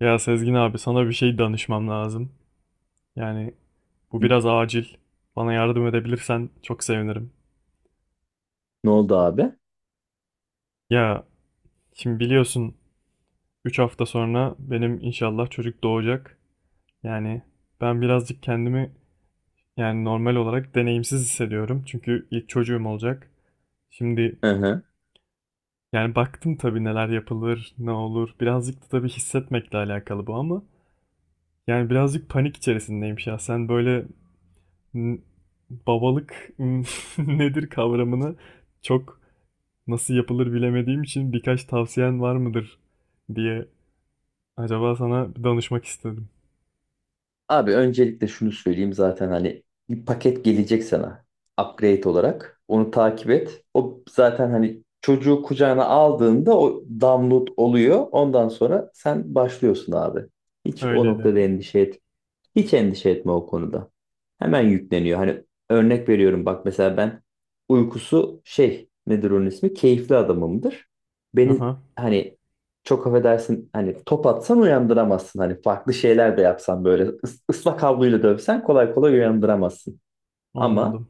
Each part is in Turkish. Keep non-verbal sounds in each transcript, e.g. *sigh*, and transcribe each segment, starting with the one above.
Ya Sezgin abi sana bir şey danışmam lazım. Yani bu biraz acil. Bana yardım edebilirsen çok sevinirim. Ne oldu abi? Ya şimdi biliyorsun 3 hafta sonra benim inşallah çocuk doğacak. Yani ben birazcık kendimi yani normal olarak deneyimsiz hissediyorum. Çünkü ilk çocuğum olacak. Şimdi Hı hı. yani baktım tabii neler yapılır, ne olur. Birazcık da tabii hissetmekle alakalı bu ama yani birazcık panik içerisindeyim şahsen. Böyle n- babalık *laughs* nedir kavramını çok nasıl yapılır bilemediğim için birkaç tavsiyen var mıdır diye acaba sana bir danışmak istedim. Abi öncelikle şunu söyleyeyim zaten hani bir paket gelecek sana upgrade olarak. Onu takip et. O zaten hani çocuğu kucağına aldığında o download oluyor. Ondan sonra sen başlıyorsun abi. Hiç o Öyleli. noktada endişe etme. Hiç endişe etme o konuda. Hemen yükleniyor. Hani örnek veriyorum bak mesela ben uykusu şey nedir onun ismi? Keyifli adamımdır. Beni Aha, hani çok affedersin hani top atsan uyandıramazsın. Hani farklı şeyler de yapsan böyle ıslak havluyla dövsen kolay kolay uyandıramazsın. Ama anladım.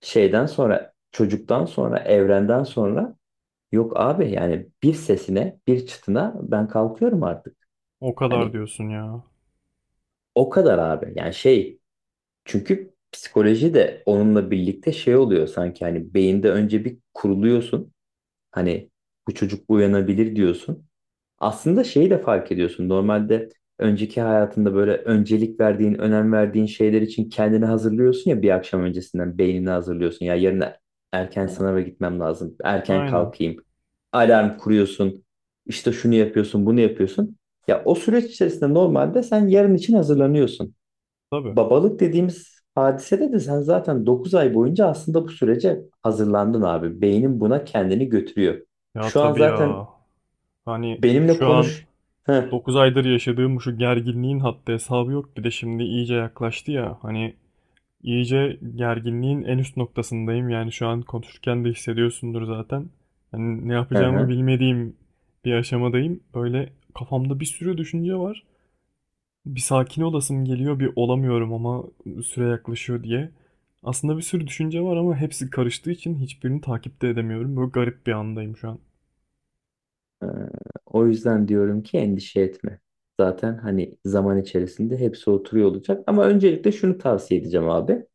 şeyden sonra çocuktan sonra evrenden sonra yok abi yani bir sesine bir çıtına ben kalkıyorum artık. O kadar Hani diyorsun ya. o kadar abi yani şey. Çünkü psikoloji de onunla birlikte şey oluyor sanki hani beyinde önce bir kuruluyorsun. Hani bu çocuk uyanabilir diyorsun. Aslında şeyi de fark ediyorsun. Normalde önceki hayatında böyle öncelik verdiğin, önem verdiğin şeyler için kendini hazırlıyorsun ya bir akşam öncesinden beynini hazırlıyorsun. Ya yarın erken Ha, sınava gitmem lazım. Erken aynen. kalkayım. Alarm kuruyorsun. İşte şunu yapıyorsun, bunu yapıyorsun. Ya o süreç içerisinde normalde sen yarın için hazırlanıyorsun. Tabii. Babalık dediğimiz hadisede de sen zaten 9 ay boyunca aslında bu sürece hazırlandın abi. Beynin buna kendini götürüyor. Ya Şu an tabii zaten ya. Hani benimle şu an konuş. Hı, 9 aydır yaşadığım şu gerginliğin haddi hesabı yok. Bir de şimdi iyice yaklaştı ya. Hani İyice gerginliğin en üst noktasındayım. Yani şu an konuşurken de hissediyorsundur zaten. Hani ne hı, yapacağımı hı. bilmediğim bir aşamadayım. Böyle kafamda bir sürü düşünce var. Bir sakin olasım geliyor, bir olamıyorum ama süre yaklaşıyor diye. Aslında bir sürü düşünce var ama hepsi karıştığı için hiçbirini takipte edemiyorum. Böyle garip bir andayım şu an. Ee, O yüzden diyorum ki endişe etme. Zaten hani zaman içerisinde hepsi oturuyor olacak. Ama öncelikle şunu tavsiye edeceğim abi.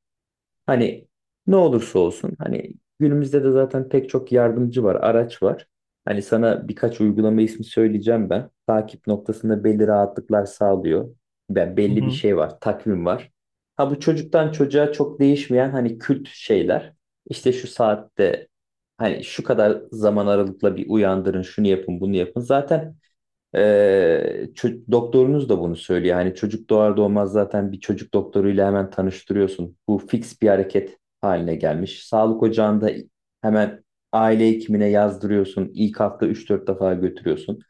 Hani ne olursa olsun hani günümüzde de zaten pek çok yardımcı var, araç var. Hani sana birkaç uygulama ismi söyleyeceğim ben. Takip noktasında belli rahatlıklar sağlıyor. Ben Hı belli bir hı, şey var, takvim var. Ha bu çocuktan çocuğa çok değişmeyen hani kült şeyler. İşte şu saatte hani şu kadar zaman aralıkla bir uyandırın, şunu yapın, bunu yapın. Zaten doktorunuz da bunu söylüyor. Hani çocuk doğar doğmaz zaten bir çocuk doktoruyla hemen tanıştırıyorsun. Bu fix bir hareket haline gelmiş. Sağlık ocağında hemen aile hekimine yazdırıyorsun. İlk hafta üç dört defa götürüyorsun.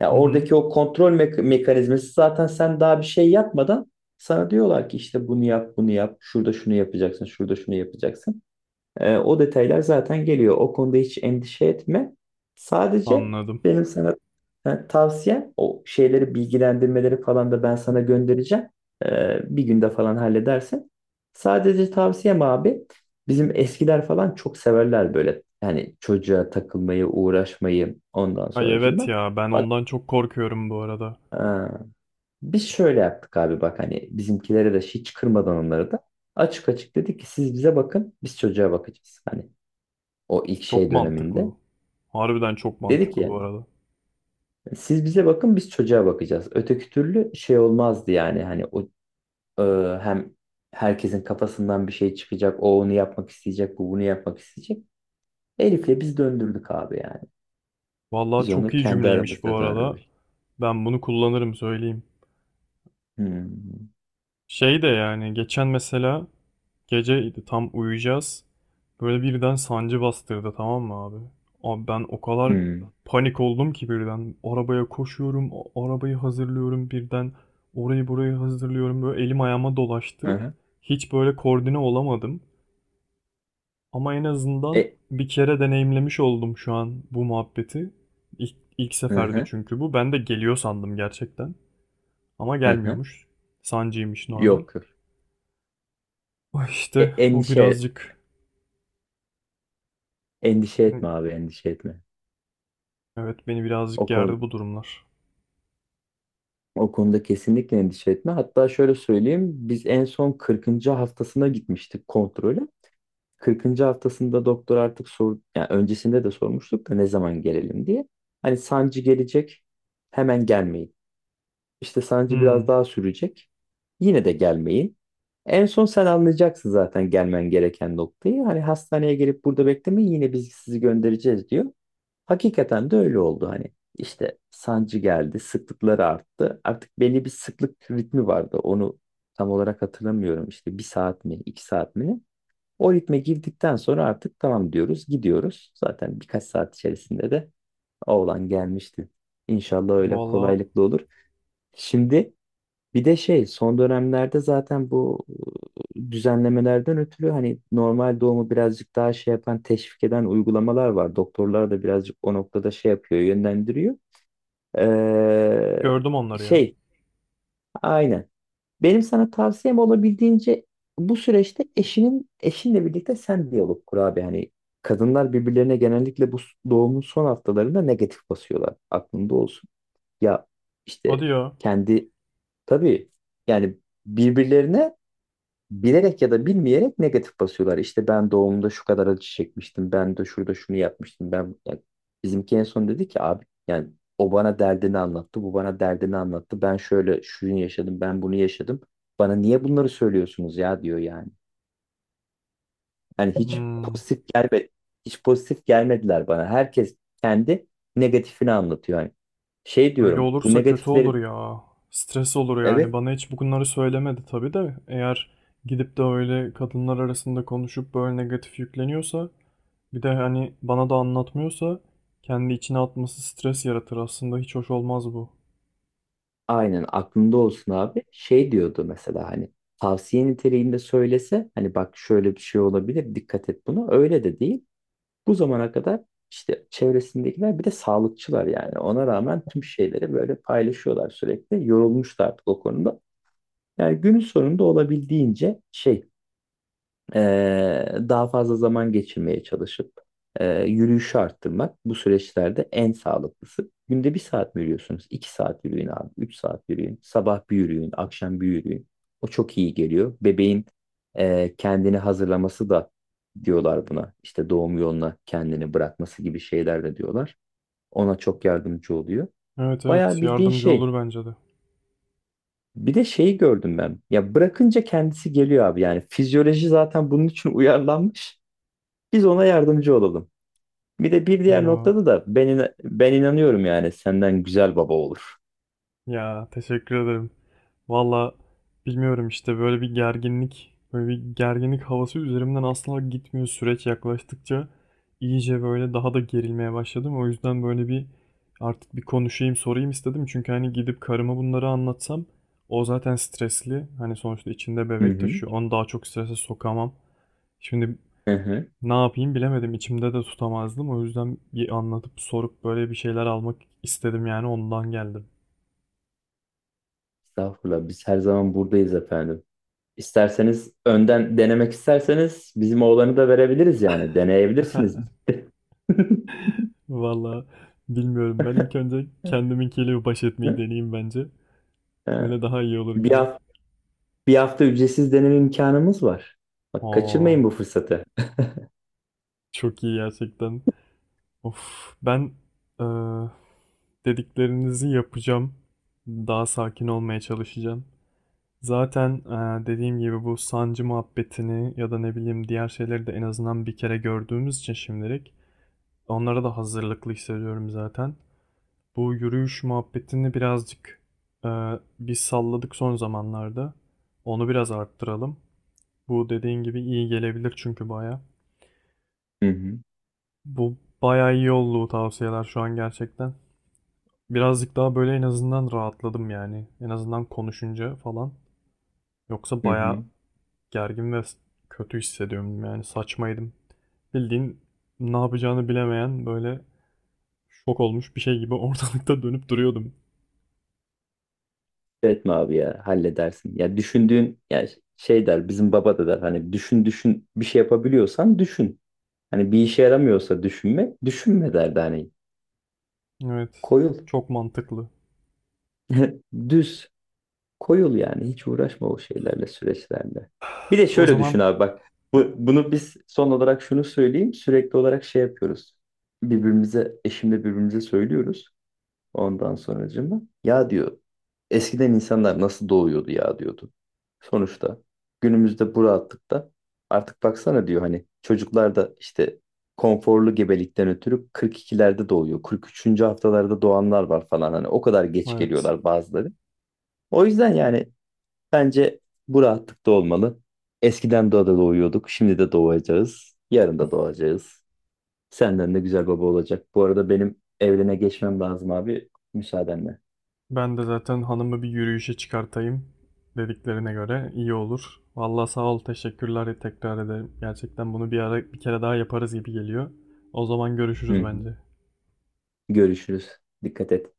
Ya hı hı. oradaki o kontrol mekanizması zaten sen daha bir şey yapmadan sana diyorlar ki işte bunu yap, bunu yap, şurada şunu yapacaksın, şurada şunu yapacaksın. O detaylar zaten geliyor. O konuda hiç endişe etme. Sadece Anladım. benim sana tavsiyem o şeyleri bilgilendirmeleri falan da ben sana göndereceğim. Bir günde falan halledersin. Sadece tavsiyem abi bizim eskiler falan çok severler böyle. Yani çocuğa takılmayı, uğraşmayı ondan Ay, evet sonracığıma. ya, ben Bak, ondan çok korkuyorum bu arada. ha, biz şöyle yaptık abi bak hani bizimkilere de hiç kırmadan onları da açık açık dedik ki siz bize bakın biz çocuğa bakacağız. Hani o ilk Çok şey mantıklı döneminde. bu. Harbiden çok Dedi ki mantıklı bu yani arada. siz bize bakın biz çocuğa bakacağız. Öteki türlü şey olmazdı yani hani o e, hem herkesin kafasından bir şey çıkacak. O onu yapmak isteyecek, bu bunu yapmak isteyecek. Elif'le biz döndürdük abi yani. Vallahi Biz çok onu iyi kendi cümleymiş bu aramızda arada. döndürdük. Ben bunu kullanırım söyleyeyim. Hmm. Şey de yani geçen mesela geceydi tam uyuyacağız. Böyle birden sancı bastırdı, tamam mı abi? Abi ben o kadar Hmm. panik oldum ki birden. Arabaya koşuyorum, arabayı hazırlıyorum birden. Orayı burayı hazırlıyorum. Böyle elim ayağıma dolaştı. Hı-hı. Hiç böyle koordine olamadım. Ama en azından E, bir kere deneyimlemiş oldum şu an bu muhabbeti. İlk aha seferdi aha. çünkü bu. Ben de geliyor sandım gerçekten. Ama gelmiyormuş. Sancıymış normal. Yok yok. Ah, E, İşte o endişe birazcık... endişe etme abi endişe etme. Evet, beni O birazcık konu gerdi bu durumlar. O konuda kesinlikle endişe etme. Hatta şöyle söyleyeyim, biz en son 40. haftasına gitmiştik kontrole. 40. haftasında doktor artık sor, yani öncesinde de sormuştuk da ne zaman gelelim diye. Hani sancı gelecek, hemen gelmeyin işte sancı biraz Hmm. daha sürecek. Yine de gelmeyin. En son sen anlayacaksın zaten gelmen gereken noktayı. Hani hastaneye gelip burada beklemeyin yine biz sizi göndereceğiz diyor. Hakikaten de öyle oldu hani. İşte sancı geldi, sıklıkları arttı. Artık belli bir sıklık ritmi vardı. Onu tam olarak hatırlamıyorum. İşte bir saat mi, iki saat mi? Ne? O ritme girdikten sonra artık tamam diyoruz, gidiyoruz. Zaten birkaç saat içerisinde de oğlan gelmişti. İnşallah öyle Valla kolaylıkla olur. Şimdi bir de şey son dönemlerde zaten bu düzenlemelerden ötürü hani normal doğumu birazcık daha şey yapan teşvik eden uygulamalar var. Doktorlar da birazcık o noktada şey yapıyor, yönlendiriyor. Ee, gördüm onları ya. Şey aynen. Benim sana tavsiyem olabildiğince bu süreçte eşinle birlikte sen diyalog kur abi. Hani kadınlar birbirlerine genellikle bu doğumun son haftalarında negatif basıyorlar. Aklında olsun. Ya Hadi işte ya. kendi tabii yani birbirlerine bilerek ya da bilmeyerek negatif basıyorlar. İşte ben doğumda şu kadar acı çekmiştim. Ben de şurada şunu yapmıştım. Ben yani bizimki en son dedi ki abi yani o bana derdini anlattı. Bu bana derdini anlattı. Ben şöyle şunu yaşadım. Ben bunu yaşadım. Bana niye bunları söylüyorsunuz ya diyor yani. Hani hiç Hmm. pozitif gelme. Hiç pozitif gelmediler bana. Herkes kendi negatifini anlatıyor. Yani şey Öyle diyorum bu olursa kötü olur negatifleri. ya. Stres olur yani. Evet. Bana hiç bunları söylemedi tabii de. Eğer gidip de öyle kadınlar arasında konuşup böyle negatif yükleniyorsa bir de hani bana da anlatmıyorsa kendi içine atması stres yaratır aslında. Hiç hoş olmaz bu. Aynen, aklında olsun abi. Şey diyordu mesela hani tavsiye niteliğinde söylese hani bak şöyle bir şey olabilir dikkat et buna. Öyle de değil. Bu zamana kadar işte çevresindekiler bir de sağlıkçılar yani. Ona rağmen tüm şeyleri böyle paylaşıyorlar sürekli. Yorulmuşlar artık o konuda. Yani günün sonunda olabildiğince şey daha fazla zaman geçirmeye çalışıp yürüyüşü arttırmak bu süreçlerde en sağlıklısı. Günde bir saat mi yürüyorsunuz? 2 saat yürüyün abi. 3 saat yürüyün. Sabah bir yürüyün. Akşam bir yürüyün. O çok iyi geliyor. Bebeğin kendini hazırlaması da diyorlar buna. İşte doğum yoluna kendini bırakması gibi şeyler de diyorlar. Ona çok yardımcı oluyor. Evet, Bayağı evet, bildiğin yardımcı şey. olur bence de. Bir de şeyi gördüm ben. Ya bırakınca kendisi geliyor abi. Yani fizyoloji zaten bunun için uyarlanmış. Biz ona yardımcı olalım. Bir de bir diğer Ya, noktada da ben inanıyorum yani senden güzel baba olur. ya, teşekkür ederim. Valla bilmiyorum, işte böyle bir gerginlik, böyle bir gerginlik havası üzerimden asla gitmiyor süreç yaklaştıkça. İyice böyle daha da gerilmeye başladım. O yüzden böyle bir artık bir konuşayım, sorayım istedim. Çünkü hani gidip karıma bunları anlatsam o zaten stresli. Hani sonuçta içinde Hı bebek hı. taşıyor. Onu daha çok strese sokamam. Şimdi Hı hı. ne yapayım bilemedim. İçimde de tutamazdım. O yüzden bir anlatıp sorup böyle bir şeyler almak istedim yani ondan geldim. Estağfurullah biz her zaman buradayız efendim. İsterseniz önden denemek isterseniz bizim oğlanı da verebiliriz yani. Deneyebilirsiniz. *laughs* *laughs* Valla bilmiyorum. Ben ilk önce kendiminkiyle bir baş etmeyi Hı? deneyeyim bence. Ha. Öyle daha iyi olur Bir gibi. hafta, Bir hafta ücretsiz deneme imkanımız var. Bak Aa, kaçırmayın bu fırsatı. çok iyi gerçekten. Of, ben eee, dediklerinizi yapacağım. Daha sakin olmaya çalışacağım. Zaten dediğim gibi bu sancı muhabbetini ya da ne bileyim diğer şeyleri de en azından bir kere gördüğümüz için şimdilik onlara da hazırlıklı hissediyorum zaten. Bu yürüyüş muhabbetini birazcık e, bir salladık son zamanlarda. Onu biraz arttıralım. Bu dediğin gibi iyi gelebilir çünkü baya. Hı hı. Bu baya iyi oldu bu tavsiyeler şu an gerçekten. Birazcık daha böyle en azından rahatladım yani. En azından konuşunca falan. Yoksa Hı baya hı. gergin ve kötü hissediyorum yani saçmaydım. Bildiğin ne yapacağını bilemeyen böyle şok olmuş bir şey gibi *laughs* ortalıkta dönüp duruyordum. Etme abi ya halledersin. Ya düşündüğün ya şey der bizim baba da der hani düşün düşün bir şey yapabiliyorsan düşün. Hani bir işe yaramıyorsa düşünmek, düşünme derdi hani. Evet, Koyul. çok mantıklı. *laughs* Düz. Koyul yani. Hiç uğraşma o şeylerle, süreçlerle. Bir de *sighs* O şöyle düşün zaman abi bak. Bunu biz son olarak şunu söyleyeyim. Sürekli olarak şey yapıyoruz. Birbirimize, eşimle birbirimize söylüyoruz. Ondan sonracığıma ya diyor eskiden insanlar nasıl doğuyordu ya diyordu. Sonuçta günümüzde bu rahatlıkta artık baksana diyor hani çocuklar da işte konforlu gebelikten ötürü 42'lerde doğuyor. 43. haftalarda doğanlar var falan hani o kadar geç evet. geliyorlar bazıları. O yüzden yani bence bu rahatlıkta olmalı. Eskiden doğada doğuyorduk, şimdi de doğacağız, yarın da doğacağız. Senden de güzel baba olacak. Bu arada benim evrene geçmem lazım abi müsaadenle. Ben de zaten hanımı bir yürüyüşe çıkartayım, dediklerine göre iyi olur. Vallahi sağ ol, teşekkürler tekrar ederim. Gerçekten bunu bir ara bir kere daha yaparız gibi geliyor. O zaman Hı görüşürüz hı. bence. Görüşürüz. Dikkat et.